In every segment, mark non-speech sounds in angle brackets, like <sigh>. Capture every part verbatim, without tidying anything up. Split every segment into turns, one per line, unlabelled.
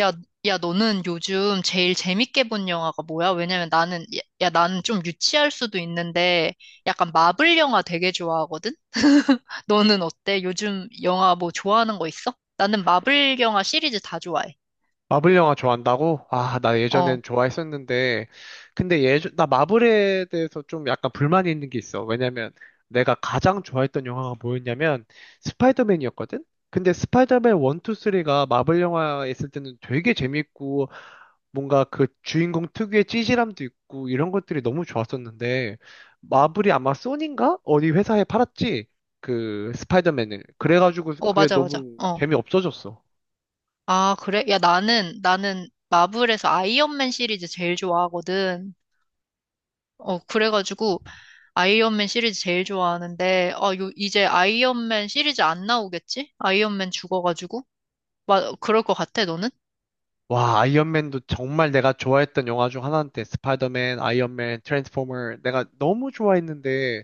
야, 야, 너는 요즘 제일 재밌게 본 영화가 뭐야? 왜냐면 나는, 야, 야, 나는 좀 유치할 수도 있는데 약간 마블 영화 되게 좋아하거든? <laughs> 너는 어때? 요즘 영화 뭐 좋아하는 거 있어? 나는 마블 영화 시리즈 다 좋아해.
마블 영화 좋아한다고? 아, 나
어,
예전엔 좋아했었는데, 근데 예전, 나 마블에 대해서 좀 약간 불만이 있는 게 있어. 왜냐면 내가 가장 좋아했던 영화가 뭐였냐면 스파이더맨이었거든? 근데 스파이더맨 일, 이, 삼가 마블 영화에 있을 때는 되게 재밌고, 뭔가 그 주인공 특유의 찌질함도 있고, 이런 것들이 너무 좋았었는데, 마블이 아마 소니인가? 어디 회사에 팔았지? 그 스파이더맨을. 그래가지고
어,
그게
맞아, 맞아.
너무
어.
재미없어졌어.
아, 그래? 야, 나는, 나는 마블에서 아이언맨 시리즈 제일 좋아하거든. 어, 그래가지고 아이언맨 시리즈 제일 좋아하는데, 아, 요, 이제 아이언맨 시리즈 안 나오겠지? 아이언맨 죽어가지고. 맞, 그럴 것 같아, 너는?
와, 아이언맨도 정말 내가 좋아했던 영화 중 하나인데, 스파이더맨, 아이언맨, 트랜스포머, 내가 너무 좋아했는데,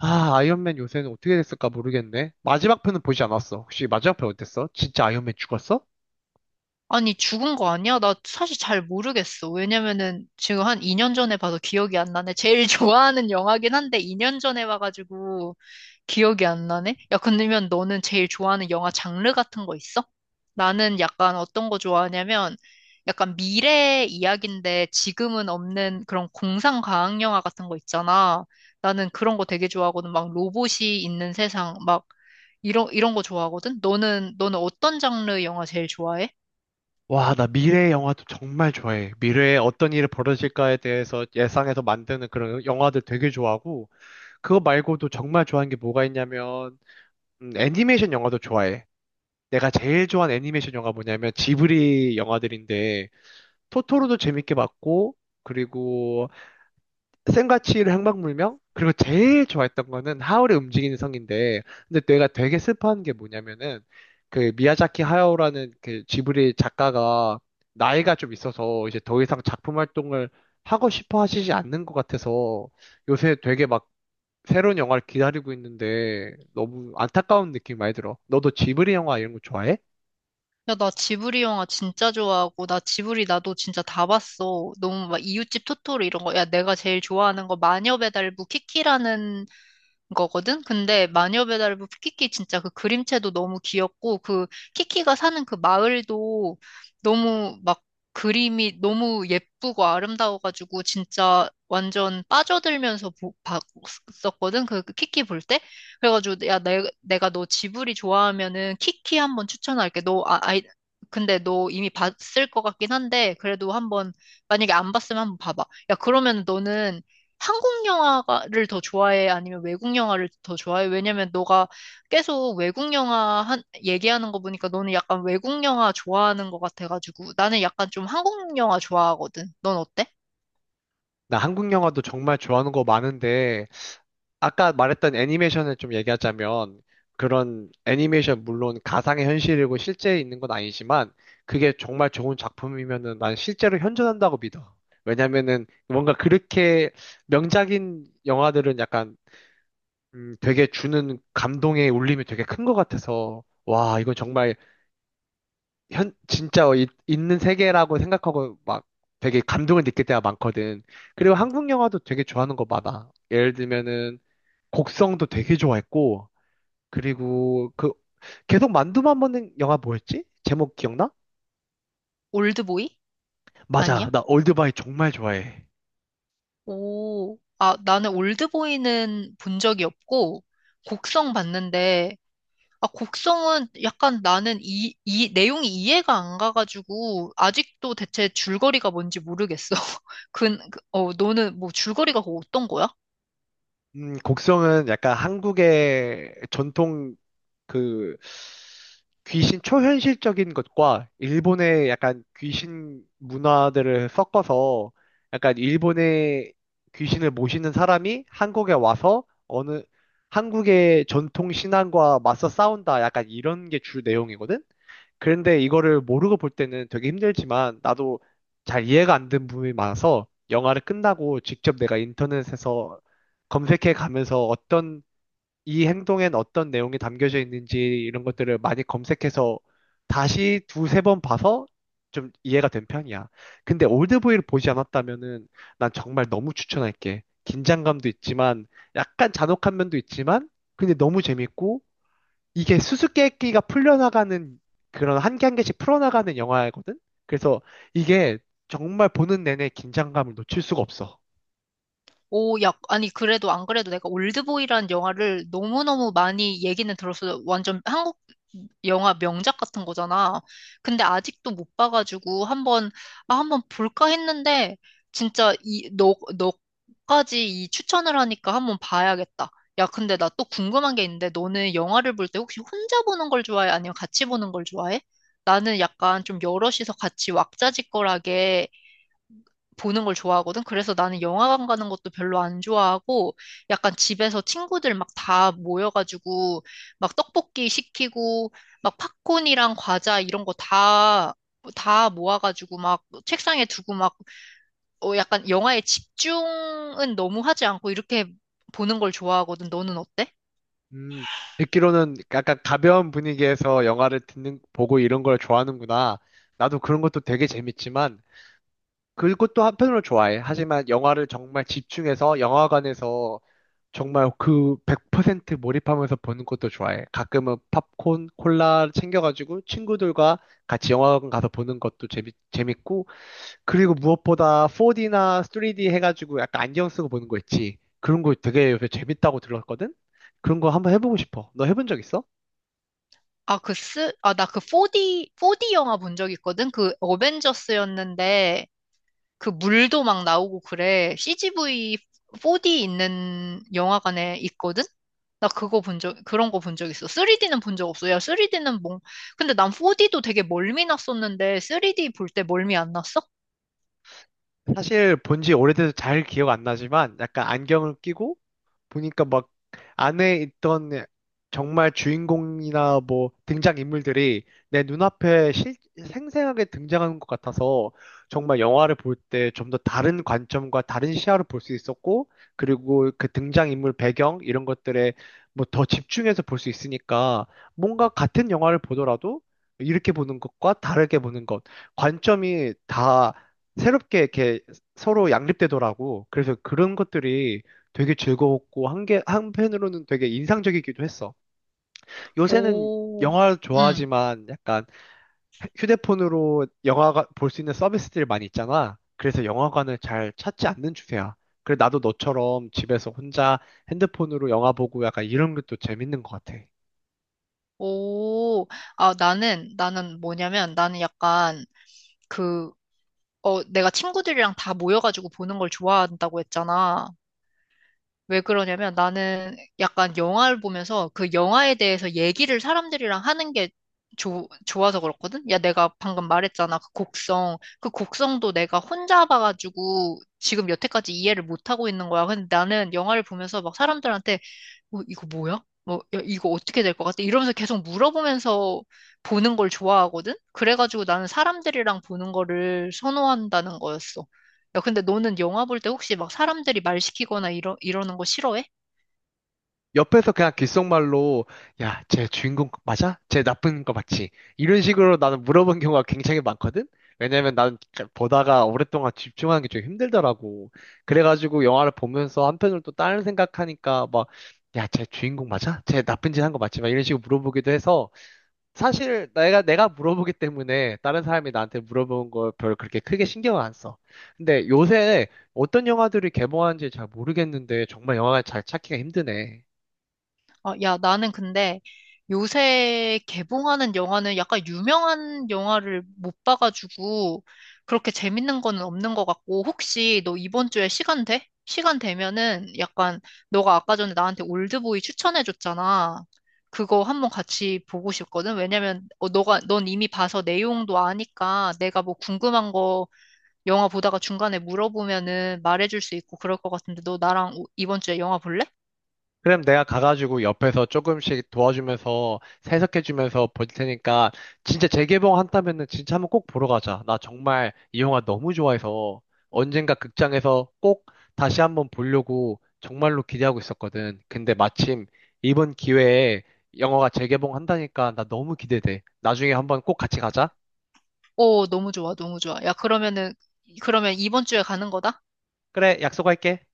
아, 아이언맨 요새는 어떻게 됐을까 모르겠네. 마지막 편은 보지 않았어. 혹시 마지막 편 어땠어? 진짜 아이언맨 죽었어?
아니, 죽은 거 아니야? 나 사실 잘 모르겠어. 왜냐면은 지금 한 이 년 전에 봐서 기억이 안 나네. 제일 <laughs> 좋아하는 영화긴 한데 이 년 전에 봐가지고 기억이 안 나네? 야, 근데면 너는 제일 좋아하는 영화 장르 같은 거 있어? 나는 약간 어떤 거 좋아하냐면 약간 미래 이야기인데 지금은 없는 그런 공상 과학 영화 같은 거 있잖아. 나는 그런 거 되게 좋아하거든. 막 로봇이 있는 세상 막 이런 이런 거 좋아하거든. 너는 너는 어떤 장르 영화 제일 좋아해?
와, 나 미래 영화도 정말 좋아해. 미래에 어떤 일이 벌어질까에 대해서 예상해서 만드는 그런 영화들 되게 좋아하고, 그거 말고도 정말 좋아하는 게 뭐가 있냐면, 음, 애니메이션 영화도 좋아해. 내가 제일 좋아하는 애니메이션 영화 뭐냐면, 지브리 영화들인데, 토토로도 재밌게 봤고, 그리고 센과 치히로 행방불명? 그리고 제일 좋아했던 거는 하울의 움직이는 성인데, 근데 내가 되게 슬퍼한 게 뭐냐면은, 그 미야자키 하야오라는 그 지브리 작가가 나이가 좀 있어서 이제 더 이상 작품 활동을 하고 싶어 하시지 않는 것 같아서 요새 되게 막 새로운 영화를 기다리고 있는데 너무 안타까운 느낌 이 많이 들어. 너도 지브리 영화 이런 거 좋아해?
야, 나 지브리 영화 진짜 좋아하고, 나 지브리 나도 진짜 다 봤어. 너무 막 이웃집 토토로 이런 거. 야, 내가 제일 좋아하는 거 마녀배달부 키키라는 거거든? 근데 마녀 배달부 키키 진짜 그 그림체도 너무 귀엽고 그 키키가 사는 그 마을도 너무 막 그림이 너무 예쁘고 아름다워가지고 진짜 완전 빠져들면서 보- 봤었거든? 그 그 키키 볼 때? 그래가지고 야, 내, 내가 너 지브리 좋아하면은 키키 한번 추천할게. 너 아, 아이 근데 너 이미 봤을 것 같긴 한데 그래도 한번 만약에 안 봤으면 한번 봐봐. 야, 그러면 너는 한국 영화를 더 좋아해? 아니면 외국 영화를 더 좋아해? 왜냐면 너가 계속 외국 영화 한, 얘기하는 거 보니까 너는 약간 외국 영화 좋아하는 것 같아가지고 나는 약간 좀 한국 영화 좋아하거든. 넌 어때?
나 한국 영화도 정말 좋아하는 거 많은데 아까 말했던 애니메이션을 좀 얘기하자면 그런 애니메이션 물론 가상의 현실이고 실제에 있는 건 아니지만 그게 정말 좋은 작품이면은 난 실제로 현존한다고 믿어. 왜냐면은 뭔가 그렇게 명작인 영화들은 약간 음, 되게 주는 감동의 울림이 되게 큰 것 같아서 와, 이건 정말 현 진짜 이- 있는 세계라고 생각하고 막 되게 감동을 느낄 때가 많거든. 그리고 한국 영화도 되게 좋아하는 거 많아. 예를 들면은 곡성도 되게 좋아했고 그리고 그 계속 만두만 먹는 영화 뭐였지? 제목 기억나?
올드보이?
맞아.
아니야?
나 올드바이 정말 좋아해.
오, 아, 나는 올드보이는 본 적이 없고 곡성 봤는데 아, 곡성은 약간 나는 이, 이, 내용이 이해가 안 가가지고, 아직도 대체 줄거리가 뭔지 모르겠어. <laughs> 근, 그- 어, 너는 뭐 줄거리가 그거 어떤 거야?
음, 곡성은 약간 한국의 전통 그 귀신 초현실적인 것과 일본의 약간 귀신 문화들을 섞어서 약간 일본의 귀신을 모시는 사람이 한국에 와서 어느 한국의 전통 신앙과 맞서 싸운다 약간 이런 게 주 내용이거든? 그런데 이거를 모르고 볼 때는 되게 힘들지만 나도 잘 이해가 안 된 부분이 많아서 영화를 끝나고 직접 내가 인터넷에서 검색해 가면서 어떤 이 행동엔 어떤 내용이 담겨져 있는지 이런 것들을 많이 검색해서 다시 두세 번 봐서 좀 이해가 된 편이야. 근데 올드보이를 보지 않았다면은 난 정말 너무 추천할게. 긴장감도 있지만 약간 잔혹한 면도 있지만 근데 너무 재밌고 이게 수수께끼가 풀려나가는 그런 한 개 한 개씩 풀어나가는 영화거든? 그래서 이게 정말 보는 내내 긴장감을 놓칠 수가 없어.
오, 야, 아니, 그래도 안 그래도 내가 올드보이라는 영화를 너무너무 많이 얘기는 들었어. 완전 한국 영화 명작 같은 거잖아. 근데 아직도 못 봐가지고 한번, 아, 한번 볼까 했는데, 진짜 이, 너, 너까지 이 추천을 하니까 한번 봐야겠다. 야, 근데 나 또 궁금한 게 있는데, 너는 영화를 볼 때 혹시 혼자 보는 걸 좋아해? 아니면 같이 보는 걸 좋아해? 나는 약간 좀 여럿이서 같이 왁자지껄하게 보는 걸 좋아하거든. 그래서 나는 영화관 가는 것도 별로 안 좋아하고 약간 집에서 친구들 막 다 모여가지고 막 떡볶이 시키고 막 팝콘이랑 과자 이런 거 다, 다 모아가지고 막 책상에 두고 막 어, 약간 영화에 집중은 너무 하지 않고 이렇게 보는 걸 좋아하거든. 너는 어때?
음, 듣기로는 약간 가벼운 분위기에서 영화를 듣는, 보고 이런 걸 좋아하는구나. 나도 그런 것도 되게 재밌지만, 그것도 한편으로 좋아해. 하지만 영화를 정말 집중해서 영화관에서 정말 그 백 퍼센트 몰입하면서 보는 것도 좋아해. 가끔은 팝콘, 콜라 챙겨가지고 친구들과 같이 영화관 가서 보는 것도 재미, 재밌고, 그리고 무엇보다 포디나 쓰리디 해가지고 약간 안경 쓰고 보는 거 있지. 그런 거 되게 요새 재밌다고 들었거든? 그런 거 한번 해보고 싶어. 너 해본 적 있어?
아, 그 쓰, 아, 나 그 포디 포디 영화 본 적 있거든? 그 어벤져스였는데 그 물도 막 나오고 그래. 씨지비 포디 있는 영화관에 있거든? 나 그거 본 적, 그런 거 본 적 있어. 쓰리디는 본 적 없어. 야, 쓰리디는 뭐, 근데 난 포디도 되게 멀미 났었는데, 3D 볼 때 멀미 안 났어?
사실 본지 오래돼서 잘 기억 안 나지만 약간 안경을 끼고 보니까 막 안에 있던 정말 주인공이나 뭐 등장인물들이 내 눈앞에 실, 생생하게 등장하는 것 같아서 정말 영화를 볼 때 좀 더 다른 관점과 다른 시야로 볼 수 있었고 그리고 그 등장인물 배경 이런 것들에 뭐 더 집중해서 볼 수 있으니까 뭔가 같은 영화를 보더라도 이렇게 보는 것과 다르게 보는 것 관점이 다 새롭게 이렇게 서로 양립되더라고. 그래서 그런 것들이 되게 즐거웠고 한게 한편으로는 되게 인상적이기도 했어. 요새는
오,
영화
응,
좋아하지만 약간 휴대폰으로 영화가 볼 수 있는 서비스들이 많이 있잖아. 그래서 영화관을 잘 찾지 않는 추세야. 그래 나도 너처럼 집에서 혼자 핸드폰으로 영화 보고 약간 이런 것도 재밌는 것 같아.
오. 아, 나는, 나는 뭐냐면, 나는 약간, 그, 어, 내가 친구들이랑 다 모여가지고 보는 걸 좋아한다고 했잖아. 왜 그러냐면 나는 약간 영화를 보면서 그 영화에 대해서 얘기를 사람들이랑 하는 게 조, 좋아서 그렇거든? 야, 내가 방금 말했잖아. 그 곡성. 그 곡성도 내가 혼자 봐가지고 지금 여태까지 이해를 못하고 있는 거야. 근데 나는 영화를 보면서 막 사람들한테 어, 이거 뭐야? 뭐, 야, 이거 어떻게 될 것 같아? 이러면서 계속 물어보면서 보는 걸 좋아하거든? 그래가지고 나는 사람들이랑 보는 거를 선호한다는 거였어. 야, 근데 너는 영화 볼 때 혹시 막 사람들이 말 시키거나 이러, 이러는 거 싫어해?
옆에서 그냥 귓속말로 야, 쟤 주인공 맞아? 쟤 나쁜 거 맞지? 이런 식으로 나는 물어본 경우가 굉장히 많거든? 왜냐면 나는 보다가 오랫동안 집중하는 게 좀 힘들더라고. 그래가지고 영화를 보면서 한편으로 또 다른 생각하니까 막 야, 쟤 주인공 맞아? 쟤 나쁜 짓 한 거 맞지? 막 이런 식으로 물어보기도 해서 사실 내가 내가 물어보기 때문에 다른 사람이 나한테 물어보는 걸 별로 그렇게 크게 신경을 안 써. 근데 요새 어떤 영화들이 개봉하는지 잘 모르겠는데 정말 영화를 잘 찾기가 힘드네.
아, 야, 나는 근데 요새 개봉하는 영화는 약간 유명한 영화를 못 봐가지고 그렇게 재밌는 거는 없는 것 같고 혹시 너 이번 주에 시간 돼? 시간 되면은 약간 너가 아까 전에 나한테 올드보이 추천해줬잖아. 그거 한번 같이 보고 싶거든. 왜냐면 어, 너가 넌 이미 봐서 내용도 아니까 내가 뭐 궁금한 거 영화 보다가 중간에 물어보면은 말해줄 수 있고 그럴 것 같은데 너 나랑 오- 이번 주에 영화 볼래?
그럼 내가 가가지고 옆에서 조금씩 도와주면서 해석해주면서 볼 테니까 진짜 재개봉 한다면은 진짜 한번 꼭 보러 가자. 나 정말 이 영화 너무 좋아해서 언젠가 극장에서 꼭 다시 한번 보려고 정말로 기대하고 있었거든. 근데 마침 이번 기회에 영화가 재개봉 한다니까 나 너무 기대돼. 나중에 한번 꼭 같이 가자.
오, 너무 좋아, 너무 좋아. 야, 그러면은, 그러면 이번 주에 가는 거다?
그래, 약속할게.